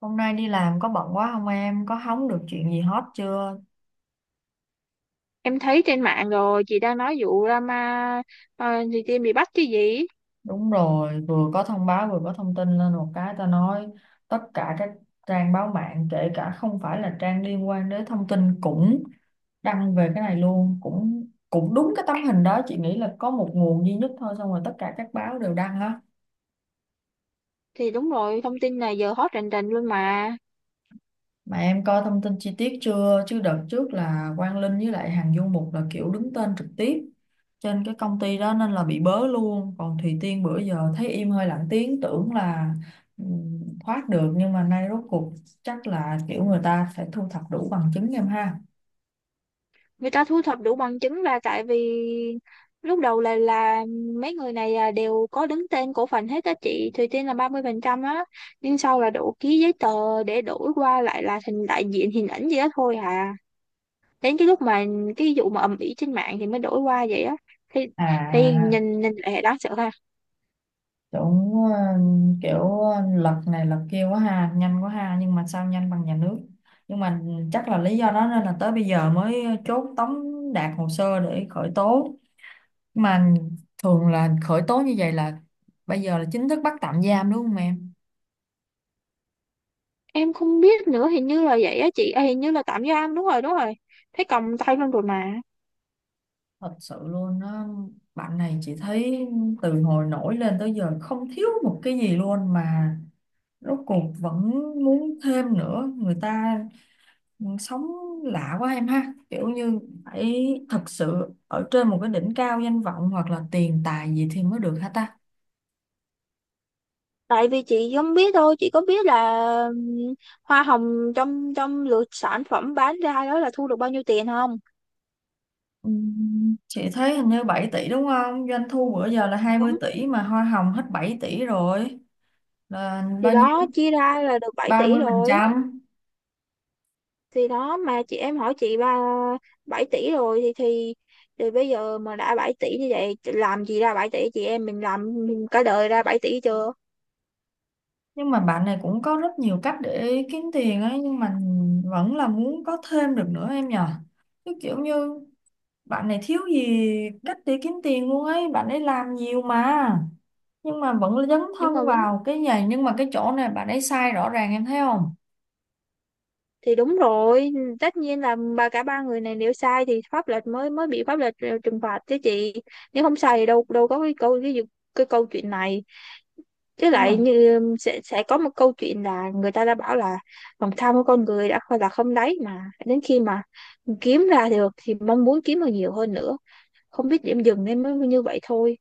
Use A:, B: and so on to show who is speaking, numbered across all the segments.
A: Hôm nay đi làm có bận quá không em? Có hóng được chuyện gì hot chưa?
B: Em thấy trên mạng rồi, chị đang nói vụ drama. ờ, thì Tiên bị bắt chứ gì.
A: Đúng rồi, vừa có thông báo vừa có thông tin lên một cái ta nói tất cả các trang báo mạng kể cả không phải là trang liên quan đến thông tin cũng đăng về cái này luôn, cũng cũng đúng cái tấm hình đó, chị nghĩ là có một nguồn duy nhất thôi xong rồi tất cả các báo đều đăng á.
B: Thì đúng rồi, thông tin này giờ hot rành rành luôn mà.
A: Mà em coi thông tin chi tiết chưa? Chứ đợt trước là Quang Linh với lại Hằng Du Mục là kiểu đứng tên trực tiếp trên cái công ty đó nên là bị bớ luôn. Còn Thùy Tiên bữa giờ thấy im hơi lặng tiếng tưởng là thoát được nhưng mà nay rốt cuộc chắc là kiểu người ta phải thu thập đủ bằng chứng em ha.
B: Người ta thu thập đủ bằng chứng ra tại vì lúc đầu là mấy người này à, đều có đứng tên cổ phần hết á, chị Thùy Tiên là 30% á, nhưng sau là đổ ký giấy tờ để đổi qua lại là thành đại diện hình ảnh gì đó thôi à. Đến cái lúc mà cái vụ mà ầm ĩ trên mạng thì mới đổi qua vậy á, thì thì
A: À
B: nhìn nhìn lại đáng sợ.
A: cũng kiểu lật này lật kia quá ha, nhanh quá ha nhưng mà sao nhanh bằng nhà nước. Nhưng mà chắc là lý do đó nên là tới bây giờ mới chốt tống đạt hồ sơ để khởi tố, mà thường là khởi tố như vậy là bây giờ là chính thức bắt tạm giam đúng không em?
B: Em không biết nữa, hình như là vậy á chị à, hình như là tạm giam, đúng rồi đúng rồi, thấy còng tay luôn rồi mà.
A: Thật sự luôn á. Bạn này chị thấy từ hồi nổi lên tới giờ không thiếu một cái gì luôn mà rốt cuộc vẫn muốn thêm nữa. Người ta sống lạ quá em ha, kiểu như phải thật sự ở trên một cái đỉnh cao danh vọng hoặc là tiền tài gì thì mới được hả ta?
B: Tại vì chị không biết thôi, chị có biết là ừm, hoa hồng trong trong lượt sản phẩm bán ra đó là thu được bao nhiêu tiền không?
A: Chị thấy hình như 7 tỷ đúng không? Doanh thu bữa giờ là hai mươi
B: Đúng.
A: tỷ mà hoa hồng hết 7 tỷ rồi. Là
B: Thì
A: bao nhiêu?
B: đó chia ra là được 7
A: ba
B: tỷ
A: mươi phần
B: rồi.
A: trăm
B: Thì đó, mà chị em hỏi chị, ba 7 tỷ rồi thì thì bây giờ mà đã 7 tỷ như vậy, làm gì ra 7 tỷ, chị em mình làm cả đời ra 7 tỷ chưa?
A: Nhưng mà bạn này cũng có rất nhiều cách để kiếm tiền ấy, nhưng mà vẫn là muốn có thêm được nữa em nhờ. Chứ kiểu như bạn này thiếu gì cách để kiếm tiền luôn ấy, bạn ấy làm nhiều mà, nhưng mà vẫn dấn
B: Nhưng
A: thân
B: mà vấn,
A: vào cái này. Nhưng mà cái chỗ này bạn ấy sai rõ ràng em thấy không?
B: thì đúng rồi, tất nhiên là ba, cả ba người này nếu sai thì pháp luật mới mới bị pháp luật trừng phạt chứ chị. Nếu không sai thì đâu đâu có cái câu, cái câu chuyện này. Chứ
A: Nhưng mà
B: lại như sẽ có một câu chuyện, là người ta đã bảo là lòng tham của con người đã không là không đáy, mà đến khi mà kiếm ra được thì mong muốn kiếm được nhiều hơn nữa, không biết điểm dừng nên mới như vậy thôi.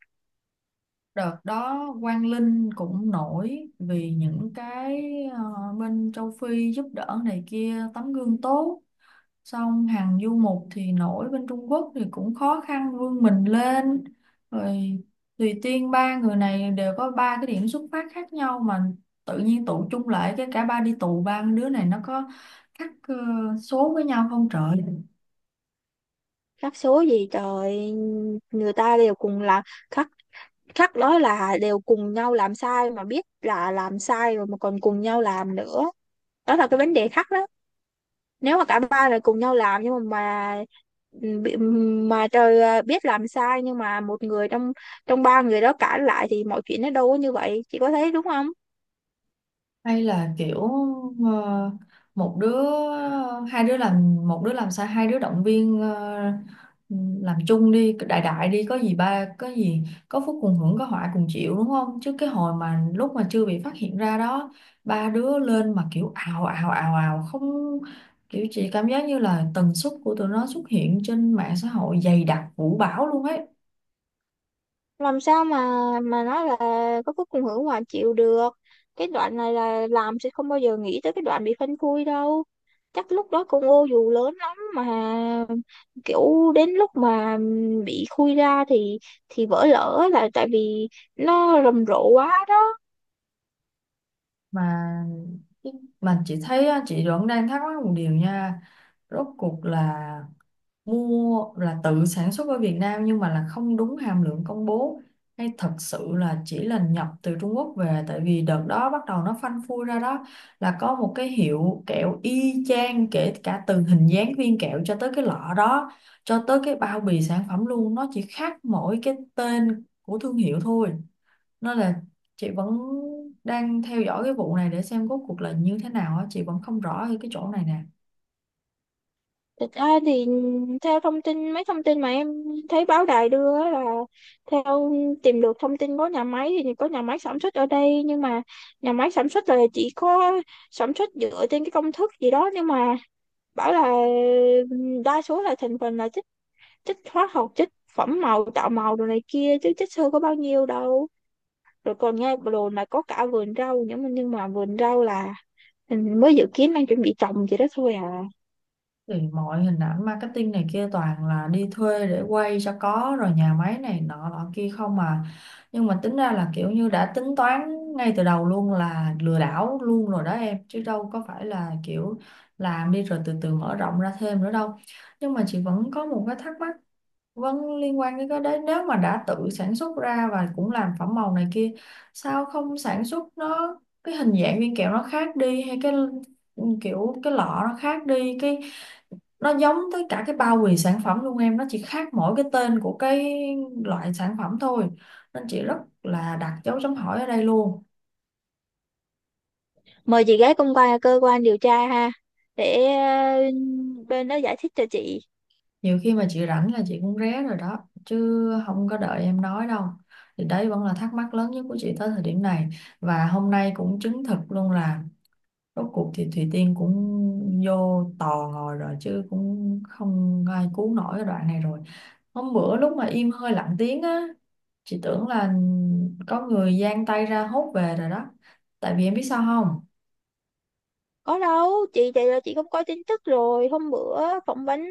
A: đợt đó Quang Linh cũng nổi vì những cái ờ, bên châu Phi giúp đỡ này kia tấm gương tốt, xong Hàng Du Mục thì nổi bên Trung Quốc thì cũng khó khăn vươn mình lên, rồi Tùy Tiên, ba người này đều có ba cái điểm xuất phát khác nhau mà tự nhiên tụ chung lại cái cả ba đi tù. Ba đứa này nó có khác số với nhau không trời.
B: Rắc số gì trời, người ta đều cùng là khắc, chắc nói là đều cùng nhau làm sai mà biết là làm sai rồi mà còn cùng nhau làm nữa, đó là cái vấn đề khác đó. Nếu mà cả ba là cùng nhau làm, nhưng mà bị- ừ, mà trời à, biết làm sai nhưng mà một người trong trong ba người đó cãi lại thì mọi chuyện nó đâu có như vậy, chị có thấy đúng không?
A: Hay là kiểu ờ, một đứa hai đứa làm, một đứa làm sao hai đứa động viên làm chung đi, đại đại đi có gì ba có gì, có phúc cùng hưởng có họa cùng chịu đúng không? Chứ cái hồi mà lúc mà chưa bị phát hiện ra đó, ba đứa lên mà kiểu ào ào ào ào không, kiểu chị cảm giác như là tần suất của tụi nó xuất hiện trên mạng xã hội dày đặc vũ bão luôn ấy.
B: Làm sao mà nói là có cái cùng hưởng hòa chịu được. Cái đoạn này là làm sẽ không bao giờ nghĩ tới cái đoạn bị phanh phui đâu, chắc lúc đó con ô dù lớn lắm mà, kiểu đến lúc mà bị khui ra thì vỡ lở là tại vì nó rầm rộ quá đó.
A: Mà mà chị thấy á, chị vẫn đang thắc mắc một điều nha. Rốt cuộc là mua là tự sản xuất ở Việt Nam nhưng mà là không đúng hàm lượng công bố, hay thật sự là chỉ là nhập từ Trung Quốc về? Tại vì đợt đó bắt đầu nó phanh phui ra đó là có một cái hiệu kẹo y chang kể cả từ hình dáng viên kẹo cho tới cái lọ đó, cho tới cái bao bì sản phẩm luôn, nó chỉ khác mỗi cái tên của thương hiệu thôi. Nên là chị vẫn đang theo dõi cái vụ này để xem rốt cuộc là như thế nào á, chị vẫn không rõ ở cái chỗ này nè.
B: Thực ra thì theo thông tin, mấy thông tin mà em thấy báo đài đưa á, là theo tìm được thông tin có nhà máy, thì có nhà máy sản xuất ở đây, nhưng mà nhà máy sản xuất là chỉ có sản xuất dựa trên cái công thức gì đó, nhưng mà bảo là đa số là thành phần là chất, chất hóa học, chất phẩm màu tạo màu đồ này kia, chứ chất xơ có bao nhiêu đâu. Rồi còn nghe đồn là có cả vườn rau, nhưng mà vườn rau là mình mới dự kiến, đang chuẩn bị trồng gì đó thôi à.
A: Thì mọi hình ảnh marketing này kia toàn là đi thuê để quay cho có, rồi nhà máy này nọ nọ kia không mà. Nhưng mà tính ra là kiểu như đã tính toán ngay từ đầu luôn là lừa đảo luôn rồi đó em, chứ đâu có phải là kiểu làm đi rồi từ từ mở rộng ra thêm nữa đâu. Nhưng mà chị vẫn có một cái thắc mắc vẫn liên quan đến cái đấy, nếu mà đã tự sản xuất ra và cũng làm phẩm màu này kia, sao không sản xuất nó cái hình dạng viên kẹo nó khác đi, hay cái kiểu cái lọ nó khác đi, cái nó giống tới cả cái bao bì sản phẩm luôn em, nó chỉ khác mỗi cái tên của cái loại sản phẩm thôi. Nên chị rất là đặt dấu chấm hỏi ở đây luôn.
B: Mời chị gái công quan cơ quan điều tra ha, để bên đó giải thích cho chị.
A: Nhiều khi mà chị rảnh là chị cũng ré rồi đó, chứ không có đợi em nói đâu. Thì đấy vẫn là thắc mắc lớn nhất của chị tới thời điểm này, và hôm nay cũng chứng thực luôn là rốt cuộc thì Thùy Tiên cũng vô tò ngồi rồi, chứ cũng không ai cứu nổi cái đoạn này rồi. Hôm bữa lúc mà im hơi lặng tiếng á, chị tưởng là có người giang tay ra hốt về rồi đó, tại vì em biết sao không?
B: Có đâu chị, vậy là chị không có tin tức rồi, hôm bữa phỏng vấn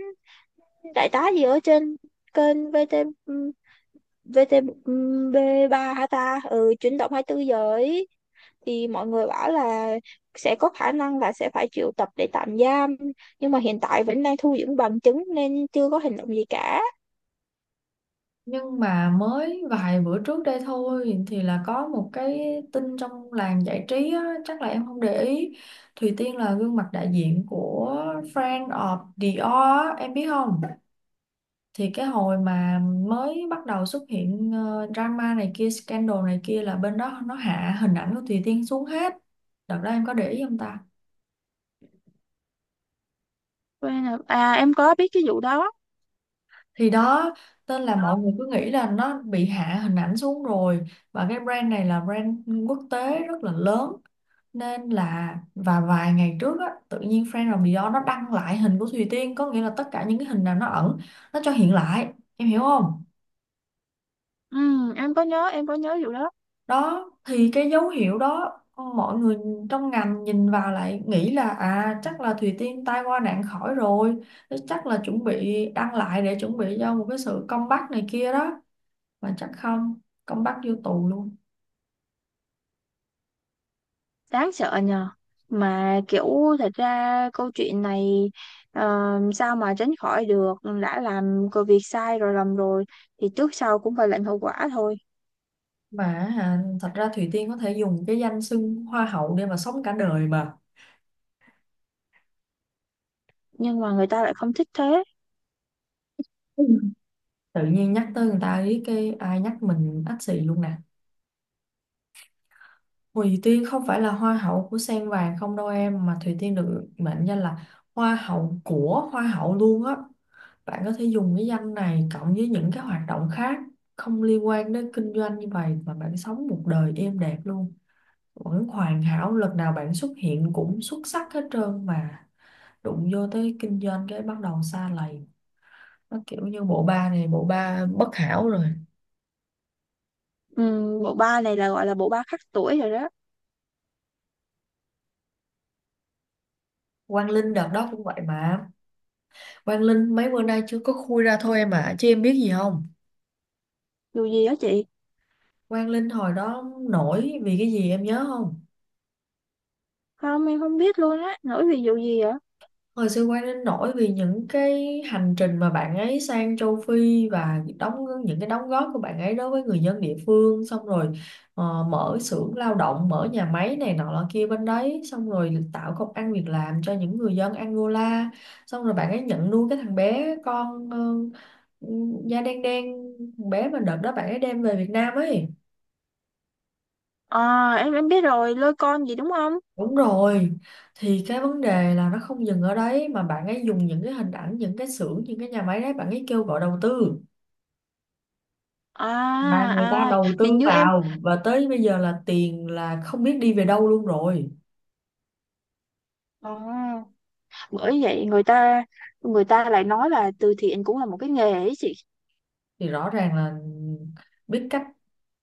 B: đại tá gì ở trên kênh VTV3 hả ta, ừ, chuyển động 24 giờ ấy. Thì mọi người bảo là sẽ có khả năng là sẽ phải triệu tập để tạm giam, nhưng mà hiện tại vẫn đang thu dưỡng bằng chứng nên chưa có hành động gì cả.
A: Nhưng mà mới vài bữa trước đây thôi thì là có một cái tin trong làng giải trí á, chắc là em không để ý. Thùy Tiên là gương mặt đại diện của Friend of Dior á, em biết không? Thì cái hồi mà mới bắt đầu xuất hiện drama này kia scandal này kia là bên đó nó hạ hình ảnh của Thùy Tiên xuống hết, đợt đó em có để ý không ta?
B: Quen rồi. À, em có biết cái vụ đó.
A: Thì đó, tên là mọi người cứ nghĩ là nó bị hạ hình ảnh xuống rồi, và cái brand này là brand quốc tế rất là lớn, nên là và vài ngày trước á tự nhiên Friend of Dior nó đăng lại hình của Thùy Tiên, có nghĩa là tất cả những cái hình nào nó ẩn nó cho hiện lại, em hiểu không?
B: Ừ, em có nhớ vụ đó.
A: Đó thì cái dấu hiệu đó mọi người trong ngành nhìn vào lại nghĩ là à chắc là Thùy Tiên tai qua nạn khỏi rồi, thế chắc là chuẩn bị đăng lại để chuẩn bị cho một cái sự comeback này kia đó. Mà chắc không, comeback vô tù luôn.
B: Đáng sợ nhờ, mà kiểu thật ra câu chuyện này ờ, sao mà tránh khỏi được. Đã làm cái việc sai rồi, lầm rồi thì trước sau cũng phải lãnh hậu quả thôi.
A: mà À, thật ra Thùy Tiên có thể dùng cái danh xưng hoa hậu để mà sống cả đời mà.
B: Nhưng mà người ta lại không thích thế.
A: Ừ. Tự nhiên nhắc tới người ta ý cái ai nhắc mình ách xì luôn nè. Thùy Tiên không phải là hoa hậu của Sen Vàng không đâu em, mà Thùy Tiên được mệnh danh là hoa hậu của hoa hậu luôn á. Bạn có thể dùng cái danh này cộng với những cái hoạt động khác không liên quan đến kinh doanh như vậy mà bạn sống một đời êm đẹp luôn, vẫn hoàn hảo, lần nào bạn xuất hiện cũng xuất sắc hết trơn mà. Đụng vô tới kinh doanh cái bắt đầu sa lầy, nó kiểu như bộ ba này bộ ba bất hảo rồi.
B: Bộ ba này là gọi là bộ ba khắc tuổi rồi đó.
A: Quang Linh đợt đó cũng vậy mà, Quang Linh mấy bữa nay chưa có khui ra thôi em ạ, chứ em biết gì không?
B: Dù gì đó chị.
A: Quang Linh hồi đó nổi vì cái gì em nhớ không?
B: Không, em không biết luôn á, nổi vì vụ gì vậy?
A: Hồi xưa Quang Linh nổi vì những cái hành trình mà bạn ấy sang châu Phi, và đóng những cái đóng góp của bạn ấy đối với người dân địa phương, xong rồi mở xưởng lao động, mở nhà máy này nọ lọ kia bên đấy, xong rồi tạo công ăn việc làm cho những người dân Angola, xong rồi bạn ấy nhận nuôi cái thằng bé con da đen đen, thằng bé mà đợt đó bạn ấy đem về Việt Nam ấy.
B: À, em biết rồi, lôi con gì đúng không?
A: Đúng rồi, thì cái vấn đề là nó không dừng ở đấy mà bạn ấy dùng những cái hình ảnh, những cái xưởng, những cái nhà máy đấy bạn ấy kêu gọi đầu tư,
B: À,
A: mà người
B: à
A: ta đầu
B: hình
A: tư
B: như em
A: vào và tới bây giờ là tiền là không biết đi về đâu luôn rồi.
B: à, bởi vậy người ta lại nói là từ thiện cũng là một cái nghề ấy chị.
A: Thì rõ ràng là biết cách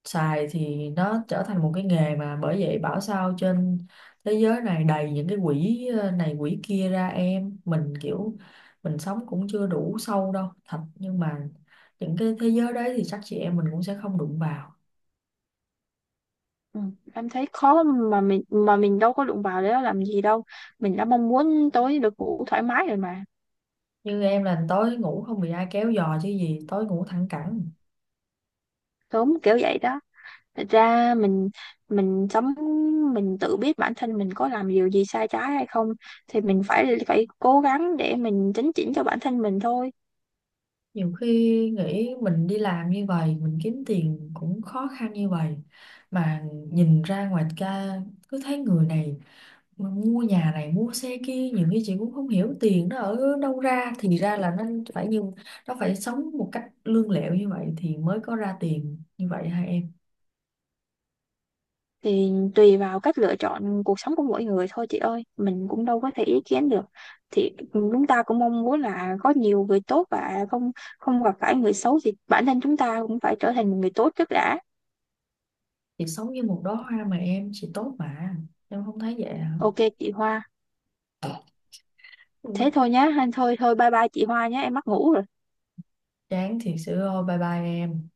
A: xài thì nó trở thành một cái nghề, mà bởi vậy bảo sao trên thế giới này đầy những cái quỹ này quỹ kia ra. Em mình kiểu mình sống cũng chưa đủ sâu đâu thật, nhưng mà những cái thế giới đấy thì chắc chị em mình cũng sẽ không đụng vào.
B: Ừ, em thấy khó, mà mình đâu có đụng vào để nó làm gì đâu, mình đã mong muốn tối được ngủ thoải mái rồi mà,
A: Như em là tối ngủ không bị ai kéo giò chứ gì, tối ngủ thẳng cẳng.
B: sớm kiểu vậy đó. Thật ra mình sống mình tự biết bản thân mình có làm điều gì sai trái hay không, thì mình phải phải cố gắng để mình chấn chỉnh cho bản thân mình thôi.
A: Nhiều khi nghĩ mình đi làm như vậy mình kiếm tiền cũng khó khăn như vậy, mà nhìn ra ngoài ca cứ thấy người này mua nhà này mua xe kia, nhiều khi chị cũng không hiểu tiền nó ở đâu ra, thì ra là nó phải như nó phải sống một cách lương lẹo như vậy thì mới có ra tiền như vậy hả em?
B: Thì tùy vào cách lựa chọn cuộc sống của mỗi người thôi chị ơi, mình cũng đâu có thể ý kiến được. Thì chúng ta cũng mong muốn là có nhiều người tốt và không không gặp phải người xấu, thì bản thân chúng ta cũng phải trở thành một người tốt trước đã.
A: Chị sống như một đóa hoa mà em, chị tốt mà, em không thấy vậy hả?
B: Ok chị Hoa,
A: Ừ,
B: thế thôi nhá, thôi thôi, bye bye chị Hoa nhé, em mắc ngủ rồi.
A: chán thiệt sự ơi, bye bye em.